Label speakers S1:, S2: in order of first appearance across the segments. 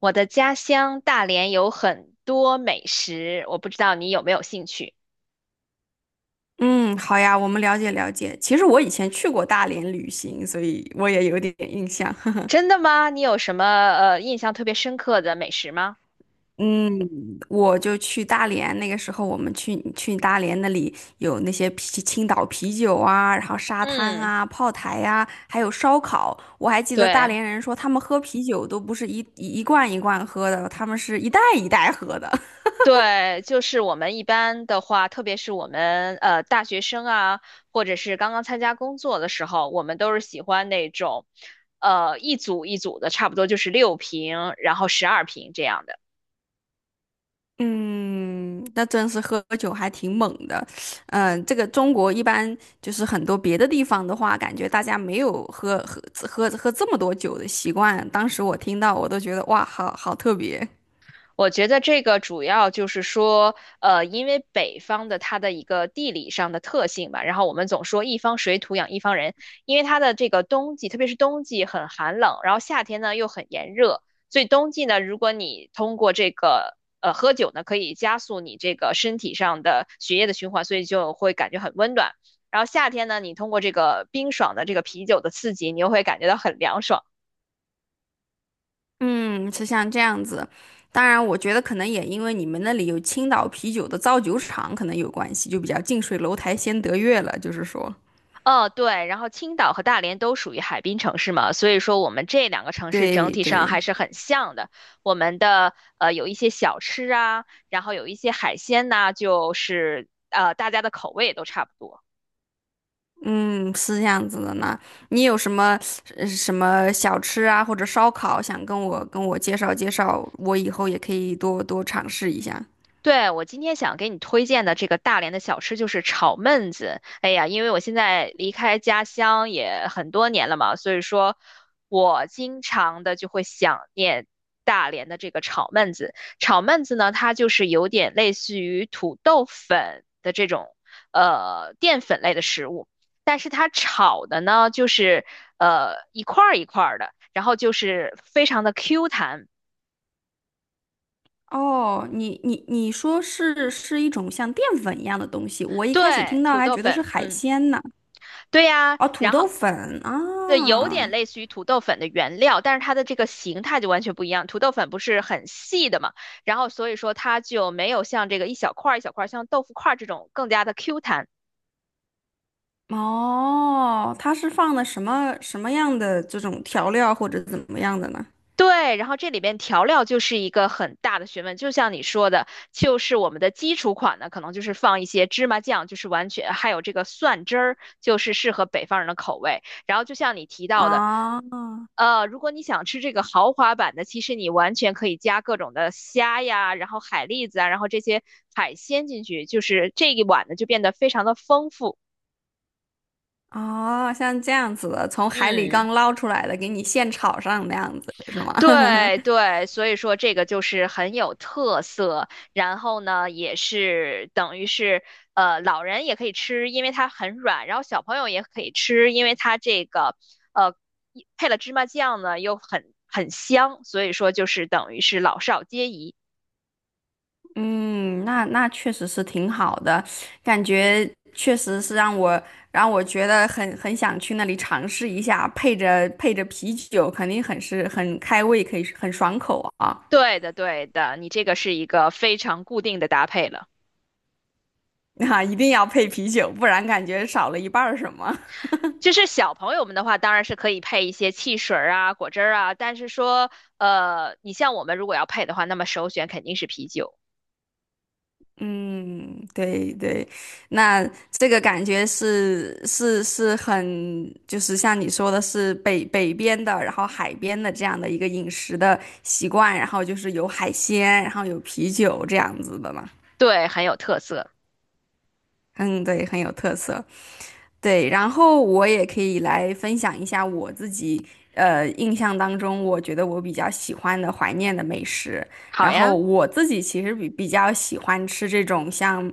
S1: 我的家乡大连有很多美食，我不知道你有没有兴趣？
S2: 嗯，好呀，我们了解了解。其实我以前去过大连旅行，所以我也有点 印象。
S1: 真的吗？你有什么印象特别深刻的美食吗？
S2: 嗯，我就去大连，那个时候我们去大连那里有那些青岛啤酒啊，然后沙滩
S1: 嗯，
S2: 啊、炮台呀、啊还有烧烤。我还记得大
S1: 对
S2: 连人说他们喝啤酒都不是一罐一罐喝的，他们是一袋一袋喝的。
S1: 对，就是我们一般的话，特别是我们大学生啊，或者是刚刚参加工作的时候，我们都是喜欢那种，一组一组的，差不多就是六瓶，然后十二瓶这样的。
S2: 嗯，那真是喝酒还挺猛的。嗯，这个中国一般就是很多别的地方的话，感觉大家没有喝这么多酒的习惯。当时我听到，我都觉得哇，好特别。
S1: 我觉得这个主要就是说，因为北方的它的一个地理上的特性吧，然后我们总说一方水土养一方人，因为它的这个冬季，特别是冬季很寒冷，然后夏天呢又很炎热，所以冬季呢，如果你通过这个喝酒呢，可以加速你这个身体上的血液的循环，所以就会感觉很温暖。然后夏天呢，你通过这个冰爽的这个啤酒的刺激，你又会感觉到很凉爽。
S2: 嗯，是像这样子。当然，我觉得可能也因为你们那里有青岛啤酒的造酒厂，可能有关系，就比较近水楼台先得月了，就是说，
S1: 哦，对，然后青岛和大连都属于海滨城市嘛，所以说我们这两个城市整
S2: 对
S1: 体上
S2: 对。
S1: 还是很像的。我们的有一些小吃啊，然后有一些海鲜呐、就是大家的口味也都差不多。
S2: 嗯，是这样子的呢。你有什么小吃啊，或者烧烤，想跟我介绍介绍，我以后也可以多多尝试一下。
S1: 对，我今天想给你推荐的这个大连的小吃就是炒焖子。哎呀，因为我现在离开家乡也很多年了嘛，所以说我经常的就会想念大连的这个炒焖子。炒焖子呢，它就是有点类似于土豆粉的这种淀粉类的食物，但是它炒的呢就是一块儿一块儿的，然后就是非常的 Q 弹。
S2: 哦，你说是一种像淀粉一样的东西，我一开始
S1: 对，
S2: 听到
S1: 土
S2: 还
S1: 豆
S2: 觉得是
S1: 粉，
S2: 海
S1: 嗯，
S2: 鲜呢。
S1: 对呀，
S2: 哦，土
S1: 然后。
S2: 豆粉
S1: 对，有点
S2: 啊，
S1: 类似于土豆粉的原料，但是它的这个形态就完全不一样。土豆粉不是很细的嘛，然后所以说它就没有像这个一小块儿一小块儿，像豆腐块儿这种更加的 Q 弹。
S2: 哦，它是放的什么样的这种调料或者怎么样的呢？
S1: 对，然后这里边调料就是一个很大的学问，就像你说的，就是我们的基础款呢，可能就是放一些芝麻酱，就是完全还有这个蒜汁儿，就是适合北方人的口味。然后就像你提到的，
S2: 啊。
S1: 如果你想吃这个豪华版的，其实你完全可以加各种的虾呀，然后海蛎子啊，然后这些海鲜进去，就是这一碗呢就变得非常的丰富。
S2: 哦，像这样子的，从海里
S1: 嗯。
S2: 刚捞出来的，给你现炒上那样子是吗？
S1: 对对，所以说这个就是很有特色，然后呢，也是等于是老人也可以吃，因为它很软，然后小朋友也可以吃，因为它这个呃一配了芝麻酱呢，又很香，所以说就是等于是老少皆宜。
S2: 嗯，那确实是挺好的，感觉确实是让我觉得很想去那里尝试一下，配着配着啤酒，肯定很开胃，可以很爽口啊！
S1: 对的对的，你这个是一个非常固定的搭配了。
S2: 啊，一定要配啤酒，不然感觉少了一半儿什么。
S1: 就是小朋友们的话，当然是可以配一些汽水儿啊、果汁儿啊，但是说，你像我们如果要配的话，那么首选肯定是啤酒。
S2: 嗯，对对，那这个感觉是很，就是像你说的是北边的，然后海边的这样的一个饮食的习惯，然后就是有海鲜，然后有啤酒这样子的嘛。
S1: 对，很有特色。
S2: 嗯，对，很有特色。对，然后我也可以来分享一下我自己，印象当中我觉得我比较喜欢的怀念的美食。
S1: 好
S2: 然
S1: 呀，
S2: 后我自己其实比较喜欢吃这种像。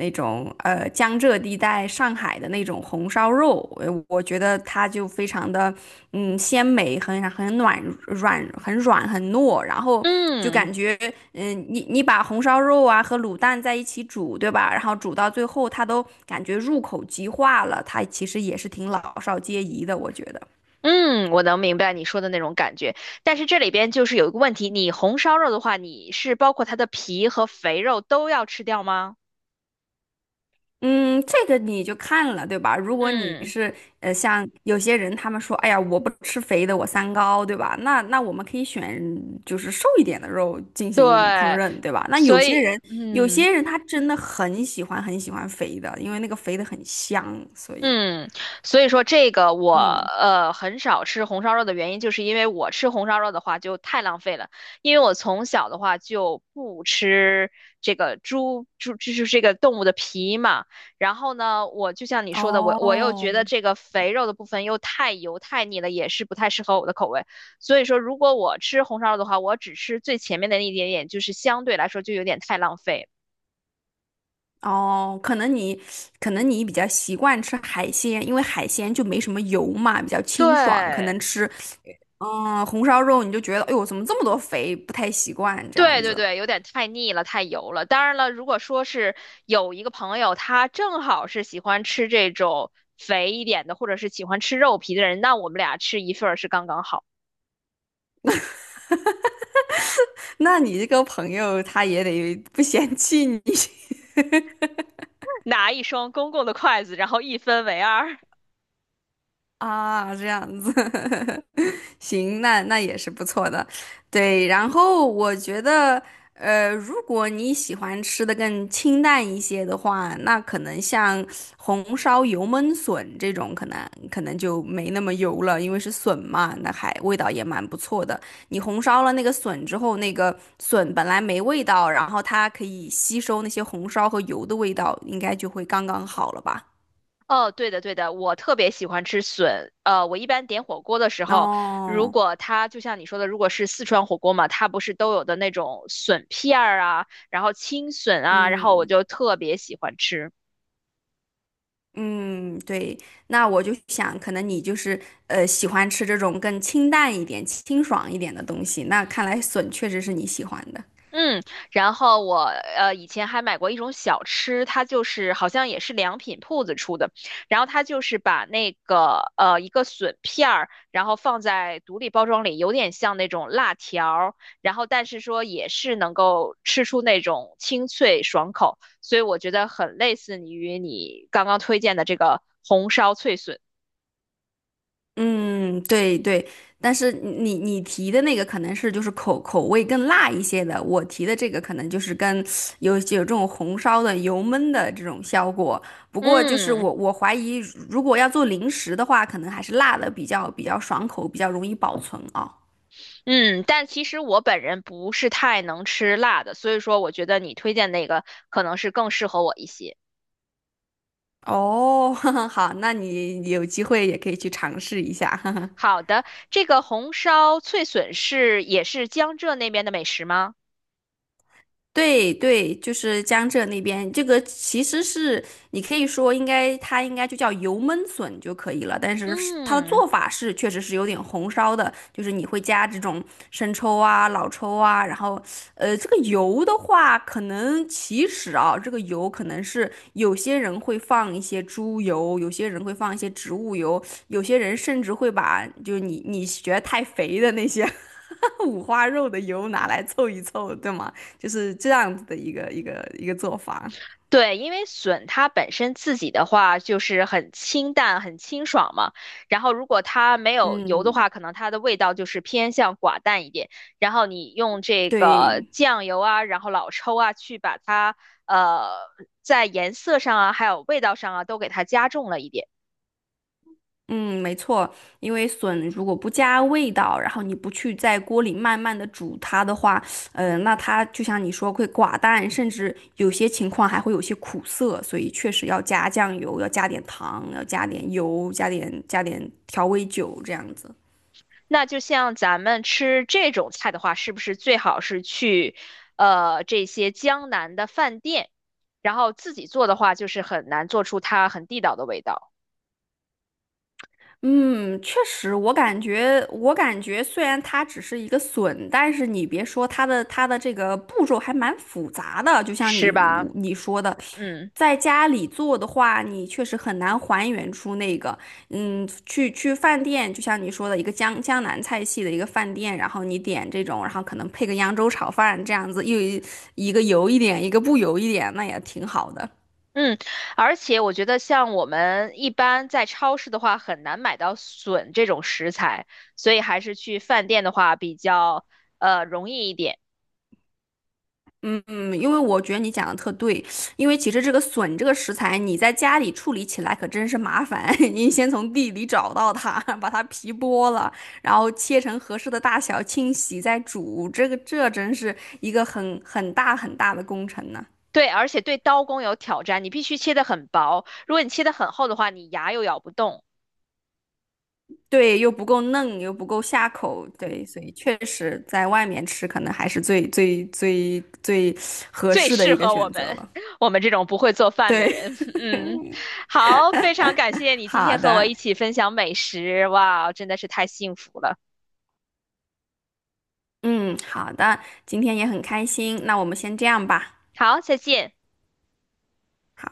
S2: 那种江浙地带上海的那种红烧肉，我觉得它就非常的鲜美，很暖软，很软很糯，然后就
S1: 嗯
S2: 感觉你把红烧肉啊和卤蛋在一起煮，对吧？然后煮到最后，它都感觉入口即化了，它其实也是挺老少皆宜的，我觉得。
S1: 嗯，我能明白你说的那种感觉。但是这里边就是有一个问题，你红烧肉的话，你是包括它的皮和肥肉都要吃掉吗？
S2: 嗯，这个你就看了，对吧？如果你
S1: 嗯，
S2: 是像有些人他们说，哎呀，我不吃肥的，我三高，对吧？那我们可以选就是瘦一点的肉进
S1: 对，
S2: 行烹饪，对吧？那
S1: 所以
S2: 有
S1: 嗯。
S2: 些人他真的很喜欢很喜欢肥的，因为那个肥的很香，所以
S1: 嗯，所以说这个我
S2: 嗯，
S1: 很少吃红烧肉的原因，就是因为我吃红烧肉的话就太浪费了，因为我从小的话就不吃这个猪猪，就是这个动物的皮嘛。然后呢，我就像你说的，我又
S2: 哦
S1: 觉得这个肥肉的部分又太油太腻了，也是不太适合我的口味。所以说，如果我吃红烧肉的话，我只吃最前面的那一点点，就是相对来说就有点太浪费。
S2: 哦，可能你比较习惯吃海鲜，因为海鲜就没什么油嘛，比较清爽，可
S1: 对，
S2: 能吃红烧肉你就觉得，哎呦，怎么这么多肥，不太习惯这
S1: 对
S2: 样
S1: 对
S2: 子。
S1: 对，有点太腻了，太油了。当然了，如果说是有一个朋友，他正好是喜欢吃这种肥一点的，或者是喜欢吃肉皮的人，那我们俩吃一份儿是刚刚好。
S2: 那你这个朋友他也得不嫌弃你
S1: 拿一双公共的筷子，然后一分为二。
S2: 啊，这样子。行，那也是不错的，对。然后我觉得，如果你喜欢吃的更清淡一些的话，那可能像红烧油焖笋这种，可能就没那么油了，因为是笋嘛，那还味道也蛮不错的。你红烧了那个笋之后，那个笋本来没味道，然后它可以吸收那些红烧和油的味道，应该就会刚刚好了吧？
S1: 哦，对的对的，我特别喜欢吃笋。我一般点火锅的时候，如
S2: 哦，
S1: 果它就像你说的，如果是四川火锅嘛，它不是都有的那种笋片儿啊，然后青笋啊，然后我
S2: 嗯，
S1: 就特别喜欢吃。
S2: 嗯，对，那我就想，可能你就是喜欢吃这种更清淡一点、清爽一点的东西。那看来笋确实是你喜欢的。
S1: 嗯，然后我以前还买过一种小吃，它就是好像也是良品铺子出的，然后它就是把那个一个笋片儿，然后放在独立包装里，有点像那种辣条儿，然后但是说也是能够吃出那种清脆爽口，所以我觉得很类似于你刚刚推荐的这个红烧脆笋。
S2: 嗯，对对，但是你提的那个可能是就是口味更辣一些的，我提的这个可能就是跟有这种红烧的、油焖的这种效果。不过就是
S1: 嗯。
S2: 我怀疑，如果要做零食的话，可能还是辣的比较爽口，比较容易保存啊。
S1: 嗯，但其实我本人不是太能吃辣的，所以说我觉得你推荐那个可能是更适合我一些。
S2: 哦，好，那你有机会也可以去尝试一下。
S1: 好的，这个红烧脆笋是也是江浙那边的美食吗？
S2: 对对，就是江浙那边，这个其实是你可以说应该它应该就叫油焖笋就可以了，但是它的
S1: 嗯，
S2: 做法是确实是有点红烧的，就是你会加这种生抽啊、老抽啊，然后这个油的话，可能其实啊，这个油可能是有些人会放一些猪油，有些人会放一些植物油，有些人甚至会把就是你觉得太肥的那些 五花肉的油拿来凑一凑，对吗？就是这样子的一个做法。
S1: 对，因为笋它本身自己的话就是很清淡、很清爽嘛，然后如果它没有油的
S2: 嗯，
S1: 话，可能它的味道就是偏向寡淡一点。然后你用这个
S2: 对，
S1: 酱油啊，然后老抽啊，去把它呃在颜色上啊，还有味道上啊，都给它加重了一点。
S2: 嗯，没错，因为笋如果不加味道，然后你不去在锅里慢慢的煮它的话，那它就像你说会寡淡，甚至有些情况还会有些苦涩，所以确实要加酱油，要加点糖，要加点油，加点调味酒这样子。
S1: 那就像咱们吃这种菜的话，是不是最好是去这些江南的饭店，然后自己做的话，就是很难做出它很地道的味道。
S2: 嗯，确实，我感觉，虽然它只是一个笋，但是你别说它的这个步骤还蛮复杂的，就像
S1: 是吧？
S2: 你说的，
S1: 嗯
S2: 在家里做的话，你确实很难还原出那个，嗯，去饭店，就像你说的一个江南菜系的一个饭店，然后你点这种，然后可能配个扬州炒饭这样子，又一个油一点，一个不油一点，那也挺好的。
S1: 嗯，而且我觉得像我们一般在超市的话，很难买到笋这种食材，所以还是去饭店的话比较容易一点。
S2: 嗯，因为我觉得你讲的特对，因为其实这个笋这个食材，你在家里处理起来可真是麻烦。你先从地里找到它，把它皮剥了，然后切成合适的大小，清洗再煮，这个这真是一个很大很大的工程呢。
S1: 对，而且对刀工有挑战，你必须切得很薄，如果你切得很厚的话，你牙又咬不动，
S2: 对，又不够嫩，又不够下口，对，所以确实在外面吃可能还是最合
S1: 最
S2: 适的
S1: 适
S2: 一个
S1: 合我
S2: 选择
S1: 们
S2: 了。
S1: 我们这种不会做饭的
S2: 对，
S1: 人。嗯，好，非常感谢 你今
S2: 好
S1: 天和我
S2: 的。
S1: 一起分享美食，哇，真的是太幸福了。
S2: 嗯，好的，今天也很开心，那我们先这样吧。
S1: 好，再见。
S2: 好。